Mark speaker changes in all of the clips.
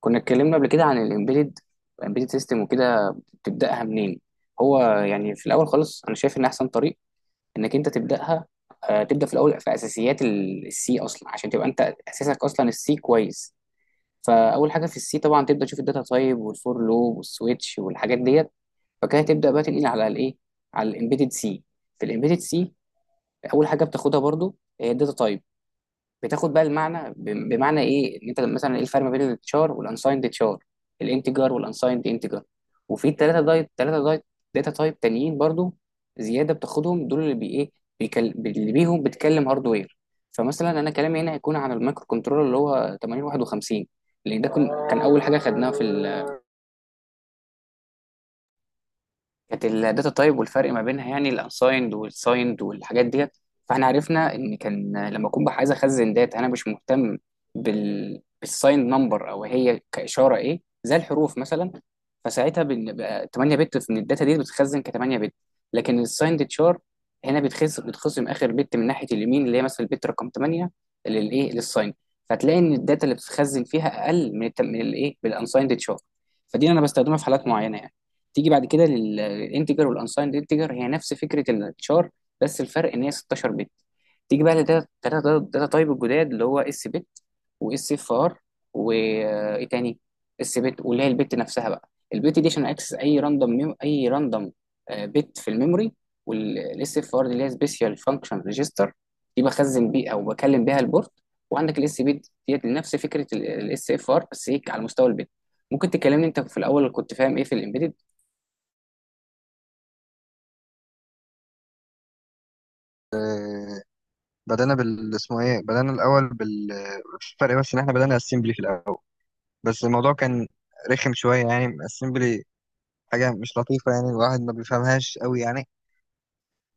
Speaker 1: كنا اتكلمنا قبل كده عن الامبيدد سيستم وكده. تبداها منين؟ هو يعني في الاول خالص انا شايف ان احسن طريق انك انت تبداها. تبدا في الاول في اساسيات السي اصلا عشان تبقى انت اساسك اصلا السي كويس. فاول حاجه في السي طبعا تبدا تشوف الداتا تايب والفور لوب والسويتش والحاجات ديت. فكده تبدا بقى تنقل على الايه، على الامبيدد سي. في الامبيدد سي اول حاجه بتاخدها برضو هي الداتا تايب. بتاخد بقى المعنى بمعنى ايه ان انت مثلا ايه الفرق ما بين التشار والانسايند تشار، الانتجر والانسايند انتجر. وفي الثلاثه دايت ثلاثه دايت داتا تايب تانيين برضو زياده بتاخدهم دول اللي بي ايه، اللي بيهم بتكلم هاردوير. فمثلا انا كلامي هنا هيكون عن المايكرو كنترولر اللي هو 8051، لان ده كان اول حاجه خدناها في، كانت الداتا تايب والفرق ما بينها يعني الانسايند والسايند والحاجات ديت. فاحنا عرفنا ان كان لما اكون بقى عايز اخزن داتا انا مش مهتم بالسايند نمبر او هي كاشاره ايه زي الحروف مثلا. فساعتها بقى 8 بت من الداتا دي بتتخزن ك 8 بت. لكن السايند تشار هنا بتخزن اخر بت من ناحيه اليمين اللي هي مثلا البت رقم 8 للايه للسايند. فتلاقي ان الداتا اللي بتتخزن فيها اقل من من الايه بالانسايند تشار. فدي انا بستخدمها في حالات معينه يعني. تيجي بعد كده للانتجر والانسايند انتجر، هي نفس فكره التشار بس الفرق ان هي 16 بت. تيجي بقى لداتا داتا داتا تايب الجداد اللي هو اس بت واس اف ار وايه تاني. اس بت واللي هي البت نفسها بقى، البت دي عشان اكسس اي راندوم بت في الميموري. والاس اف ار دي اللي هي سبيشال فانكشن ريجستر، دي بخزن بيه او بكلم بيها البورت. وعندك الاس بت ديت نفس فكره الاس اف ار بس هيك على مستوى البت. ممكن تكلمني انت في الاول كنت فاهم ايه في الامبيدد؟
Speaker 2: بدأنا بال، اسمه ايه بدأنا الأول بال. الفرق بس إن احنا بدأنا السيمبلي في الأول، بس الموضوع كان رخم شوية، يعني السيمبلي حاجة مش لطيفة، يعني الواحد ما بيفهمهاش قوي يعني.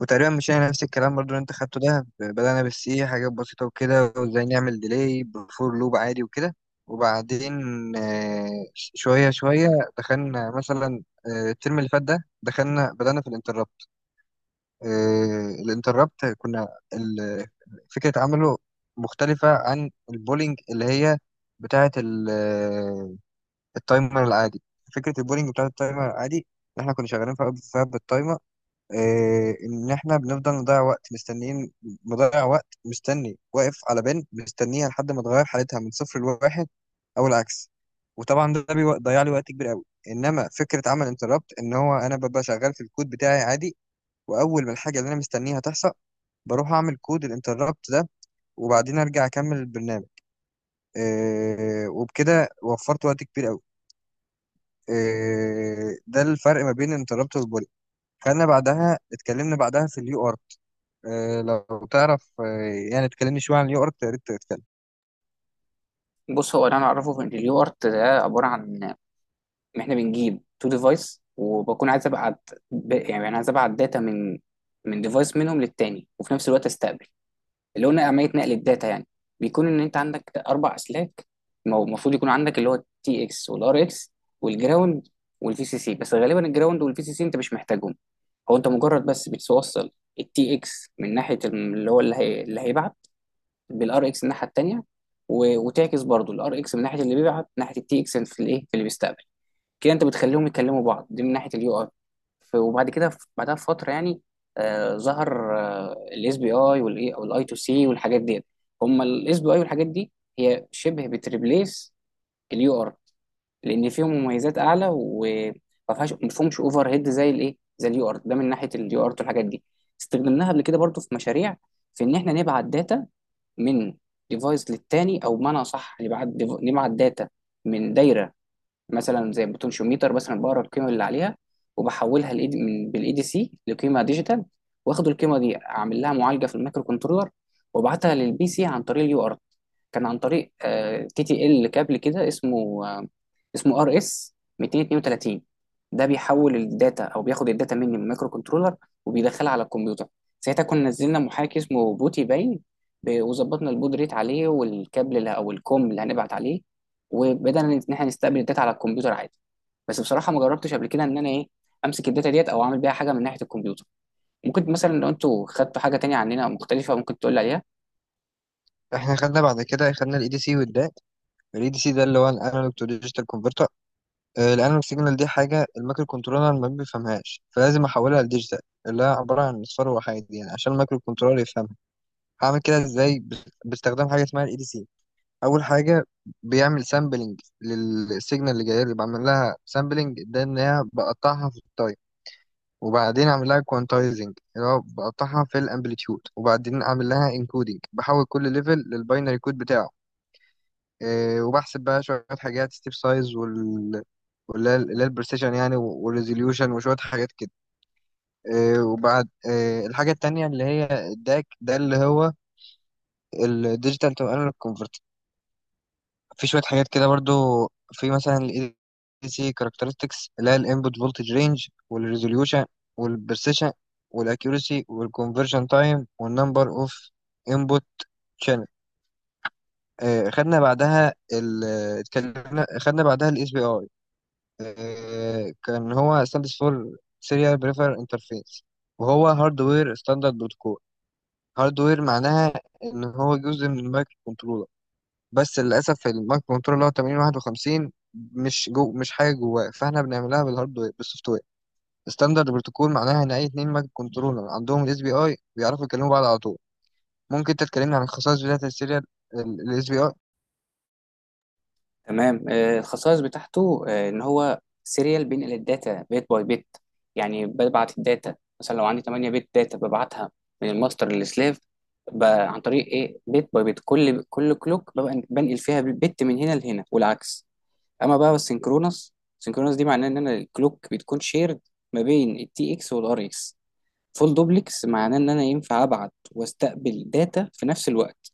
Speaker 2: وتقريبا مشينا نفس الكلام برضو اللي انت خدته ده، بدأنا بالسي حاجات بسيطة وكده، وازاي نعمل ديلي بفور لوب عادي وكده. وبعدين آه، شوية شوية دخلنا مثلا الترم اللي فات ده، دخلنا بدأنا في الانتربت. الانتربت كنا فكرة عمله مختلفة عن البولينج اللي هي بتاعة التايمر العادي. فكرة البولينج بتاعة التايمر العادي إن إحنا كنا شغالين فيها بالتايمر. إن إحنا بنفضل نضيع وقت مستنيين، مضيع وقت مستني واقف على بن مستنيها لحد ما تغير حالتها من صفر لواحد، أو العكس. وطبعا ده بيضيع لي وقت كبير قوي، انما فكره عمل انتربت ان هو انا ببقى شغال في الكود بتاعي عادي، واول ما الحاجه اللي انا مستنيها تحصل بروح اعمل كود الانتربت ده، وبعدين ارجع اكمل البرنامج. إيه وبكده وفرت وقت كبير قوي. إيه ده الفرق ما بين الانتربت والبولي. خلينا بعدها، اتكلمنا بعدها في اليو ار. إيه لو تعرف إيه يعني، اتكلمني شويه عن اليو ار يا ريت تتكلم.
Speaker 1: بص هو اللي انا اعرفه في ان اليو ارت ده عباره عن ان احنا بنجيب تو ديفايس وبكون عايز ابعت يعني انا عايز ابعت داتا من ديفايس منهم للتاني وفي نفس الوقت استقبل. اللي هو عمليه نقل الداتا يعني بيكون ان انت عندك اربع اسلاك. المفروض يكون عندك اللي هو التي اكس والار اكس والجراوند والفي سي سي، بس غالبا الجراوند والفي سي سي انت مش محتاجهم. هو انت مجرد بس بتوصل التي اكس من ناحيه اللي هو اللي هيبعت بالار اكس الناحيه التانيه. وتعكس برضو الار اكس من ناحيه اللي بيبعت ناحيه التي اكس في الايه في اللي بيستقبل. كده انت بتخليهم يكلموا بعض، دي من ناحيه اليو اي. وبعد كده بعدها بفتره يعني ظهر الاس بي اي والاي او الاي تو سي والحاجات ديت. هم الاس بي اي والحاجات دي هي شبه بتريبليس اليو ار، لان فيهم مميزات اعلى وما فيهاش ما فيهمش اوفر هيد زي الايه زي اليو ارت ده. من ناحيه اليو ارت والحاجات دي استخدمناها قبل كده برضو في مشاريع، في ان احنا نبعت داتا من ديفايس للتاني، او بمعنى اصح نبعت نبعت داتا من دايره مثلا زي بوتنشيوميتر. مثلا بقرا القيمه اللي عليها وبحولها من بالاي دي سي لقيمه ديجيتال. واخد القيمه دي اعمل لها معالجه في المايكرو كنترولر وابعتها للبي سي عن طريق اليو ارت. كان عن طريق كي تي ال كابل كده اسمه، اسمه ار اس 232. ده بيحول الداتا او بياخد الداتا مني من المايكرو كنترولر وبيدخلها على الكمبيوتر. ساعتها كنا نزلنا محاكي اسمه بوتي باين، وظبطنا البود ريت عليه والكابل او الكوم اللي هنبعت عليه. وبدأنا ان احنا نستقبل الداتا على الكمبيوتر عادي. بس بصراحه ما جربتش قبل كده ان انا ايه امسك الداتا ديت او اعمل بيها حاجه من ناحيه الكمبيوتر. ممكن مثلا لو انتوا خدتوا حاجه تانية عننا مختلفه ممكن تقول لي عليها.
Speaker 2: احنا خدنا بعد كده، خدنا الاي دي سي والداك. الاي دي سي ده اللي هو الانالوج تو ديجيتال كونفرتر. الانالوج سيجنال دي حاجه المايكرو كنترولر ما بيفهمهاش، فلازم احولها لديجيتال اللي هي عباره عن اصفار وحيد، يعني عشان المايكرو كنترولر يفهم. هعمل كده ازاي؟ باستخدام حاجه اسمها الاي دي سي. اول حاجه بيعمل سامبلنج للسيجنال اللي جايه لي، بعمل لها سامبلنج ده ان هي بقطعها في التايم، وبعدين اعمل لها كوانتايزنج اللي هو بقطعها في الامبليتيود، وبعدين اعمل لها انكودنج بحول كل ليفل للباينري كود بتاعه. إيه وبحسب بقى شويه حاجات، ستيب سايز واللي هي اللي هي البرسيشن يعني، والريزوليوشن وشويه حاجات كده. إيه وبعد إيه الحاجه التانيه اللي هي الداك ده اللي هو الديجيتال تو انالوج. في شوية حاجات كده برضو، في مثلا ال ADC characteristics اللي هي ال input voltage range، وال resolution، وال precision، وال accuracy، وال conversion time، وال number of input channel. خدنا بعدها اتكلمنا خدنا بعدها ال SPI. كان هو stands for serial prefer interface، وهو hardware standard protocol. hardware معناها ان هو جزء من المايكرو كنترول، بس للاسف المايكرو كنترول اللي هو 8051 مش جو، مش حاجه جواه، فاحنا بنعملها بالسوفت وير. ستاندرد بروتوكول معناها ان اي اتنين مايكرو كنترولر عندهم الاس بي اي بيعرفوا يكلموا بعض على طول. ممكن انت تكلمني عن خصائص بدايه السيريال الاس بي اي؟
Speaker 1: تمام. الخصائص بتاعته ان هو سيريال بينقل الداتا بيت باي بيت. يعني ببعت الداتا مثلا لو عندي 8 بيت داتا ببعتها من الماستر للسلاف عن طريق ايه بيت باي بيت. كل كلوك ببقى بنقل فيها بيت من هنا لهنا والعكس. اما بقى السynchronous، دي معناه ان انا الكلوك بتكون شيرد ما بين التي اكس والار اكس. فول دوبلكس معناه ان انا ينفع ابعت واستقبل داتا في نفس الوقت.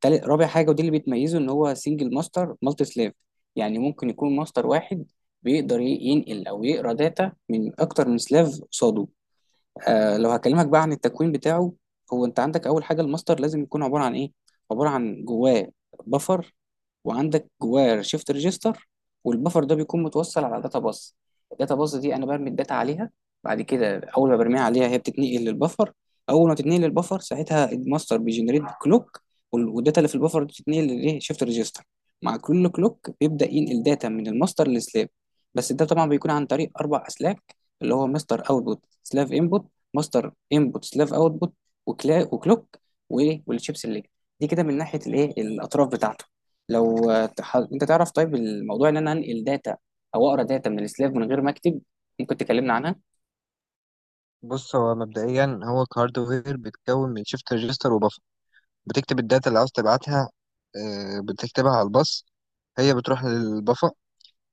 Speaker 1: تالت رابع حاجه ودي اللي بتميزه ان هو سنجل ماستر مالتي سلاف، يعني ممكن يكون ماستر واحد بيقدر ينقل او يقرا داتا من اكتر من سلاف قصاده. لو هكلمك بقى عن التكوين بتاعه، هو انت عندك اول حاجه الماستر لازم يكون عباره عن ايه. عباره عن جواه بفر، وعندك جواه شيفت ريجستر، والبفر ده بيكون متوصل على داتا باص. الداتا باص دي انا برمي الداتا عليها. بعد كده اول ما برميها عليها هي بتتنقل للبفر. اول ما تتنقل للبفر ساعتها الماستر بيجنريت كلوك، والداتا اللي في البفر دي بتتنقل للايه شيفت ريجستر. مع كل كلوك بيبدا ينقل داتا من الماستر للسلاب. بس ده طبعا بيكون عن طريق اربع اسلاك، اللي هو ماستر اوتبوت سلاف انبوت، ماستر انبوت سلاف اوتبوت، وكلوك، وايه والشيب سيلكت. دي كده من ناحيه الايه الاطراف بتاعته. لو انت تعرف طيب الموضوع ان انا انقل داتا او اقرا داتا من السلاف من غير ما اكتب، ممكن تكلمنا عنها.
Speaker 2: بص هو مبدئيا هو كهاردوير بيتكون من شيفت ريجستر وبفر. بتكتب الداتا اللي عاوز تبعتها، بتكتبها على الباص، هي بتروح للبفر،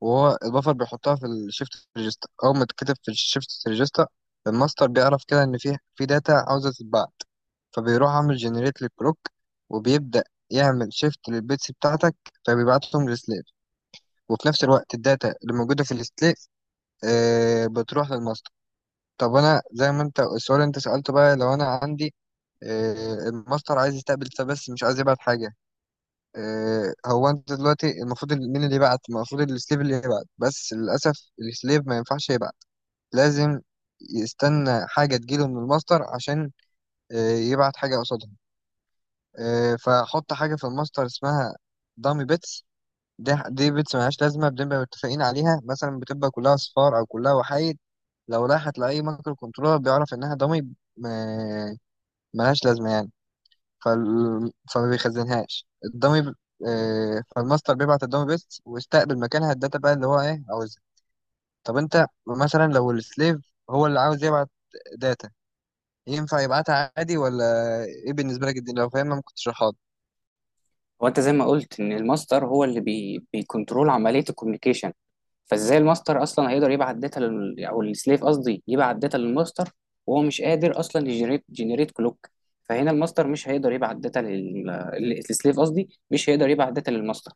Speaker 2: وهو البفر بيحطها في الشيفت ريجستا. اول ما تتكتب في الشيفت ريجستا الماستر بيعرف كده ان في داتا عاوزه تتبعت، فبيروح عامل جنريت للكلوك، وبيبدأ يعمل شيفت للبيتس بتاعتك، فبيبعتهم للسليف. وفي نفس الوقت الداتا اللي موجودة في السليف آه بتروح للماستر. طب انا زي ما انت السؤال اللي انت سألته بقى، لو انا عندي آه الماستر عايز يستقبل بس مش عايز يبعت حاجة. هو انت دلوقتي المفروض مين اللي يبعت؟ المفروض السليب اللي يبعت، بس للاسف السليب ما ينفعش يبعت. لازم يستنى حاجه تجيله من الماستر عشان يبعت حاجه قصادها. فحط حاجه في الماستر اسمها دامي بيتس. ده دي بيتس ملهاش لازمه، بنبقى متفقين عليها مثلا بتبقى كلها صفار او كلها وحايد. لو راحت لاي مايكرو كنترولر بيعرف انها دامي، آه، ملهاش لازمه يعني. فما بيخزنهاش الدمي فالماستر بيبعت الدمي بيست ويستقبل مكانها الداتا بقى اللي هو ايه عاوزها. طب انت مثلا لو السليف هو اللي عاوز يبعت داتا، ينفع يبعتها عادي ولا ايه؟ بالنسبة لك دي لو فاهمها ممكن تشرحها لي.
Speaker 1: هو انت زي ما قلت ان الماستر هو اللي بيكنترول عمليه الكوميونيكيشن. فازاي الماستر اصلا هيقدر يبعت داتا او السليف قصدي يبعت داتا للماستر وهو مش قادر اصلا يجنريت كلوك. فهنا الماستر مش هيقدر يبعت داتا للسليف قصدي مش هيقدر يبعت داتا للماستر.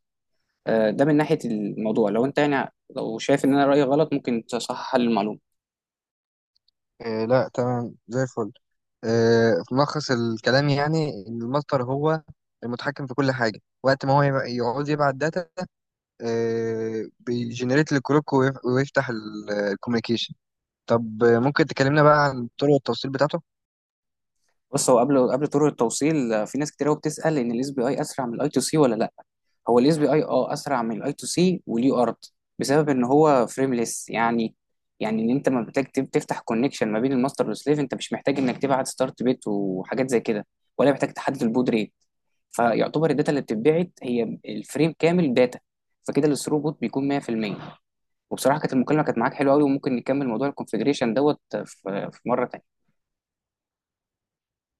Speaker 1: ده من ناحيه الموضوع لو انت يعني لو شايف ان انا رايي غلط ممكن تصحح لي المعلومه.
Speaker 2: لا تمام زي الفل. في ملخص الكلام يعني ان الماستر هو المتحكم في كل حاجة، وقت ما هو يعوز يبعت داتا، بيجنريت الكروك ويفتح الكوميونيكيشن. طب ممكن تكلمنا بقى عن طرق التوصيل بتاعته؟
Speaker 1: بص هو قبل طرق التوصيل في ناس كتير قوي بتسال ان الاس بي اي اسرع من الاي تو سي ولا لا. هو الاس بي اي اسرع من الاي تو سي وليه ارض بسبب ان هو فريمليس يعني. يعني ان انت ما محتاج تفتح كونكشن ما بين الماستر والسليف، انت مش محتاج انك تبعت ستارت بيت وحاجات زي كده، ولا محتاج تحدد البود ريت. فيعتبر الداتا اللي بتتبعت هي الفريم كامل داتا. فكده الثروبوت بيكون 100%. وبصراحه كانت المكالمه كانت معاك حلوه قوي، وممكن نكمل موضوع الكونفجريشن دوت في مره تانيه.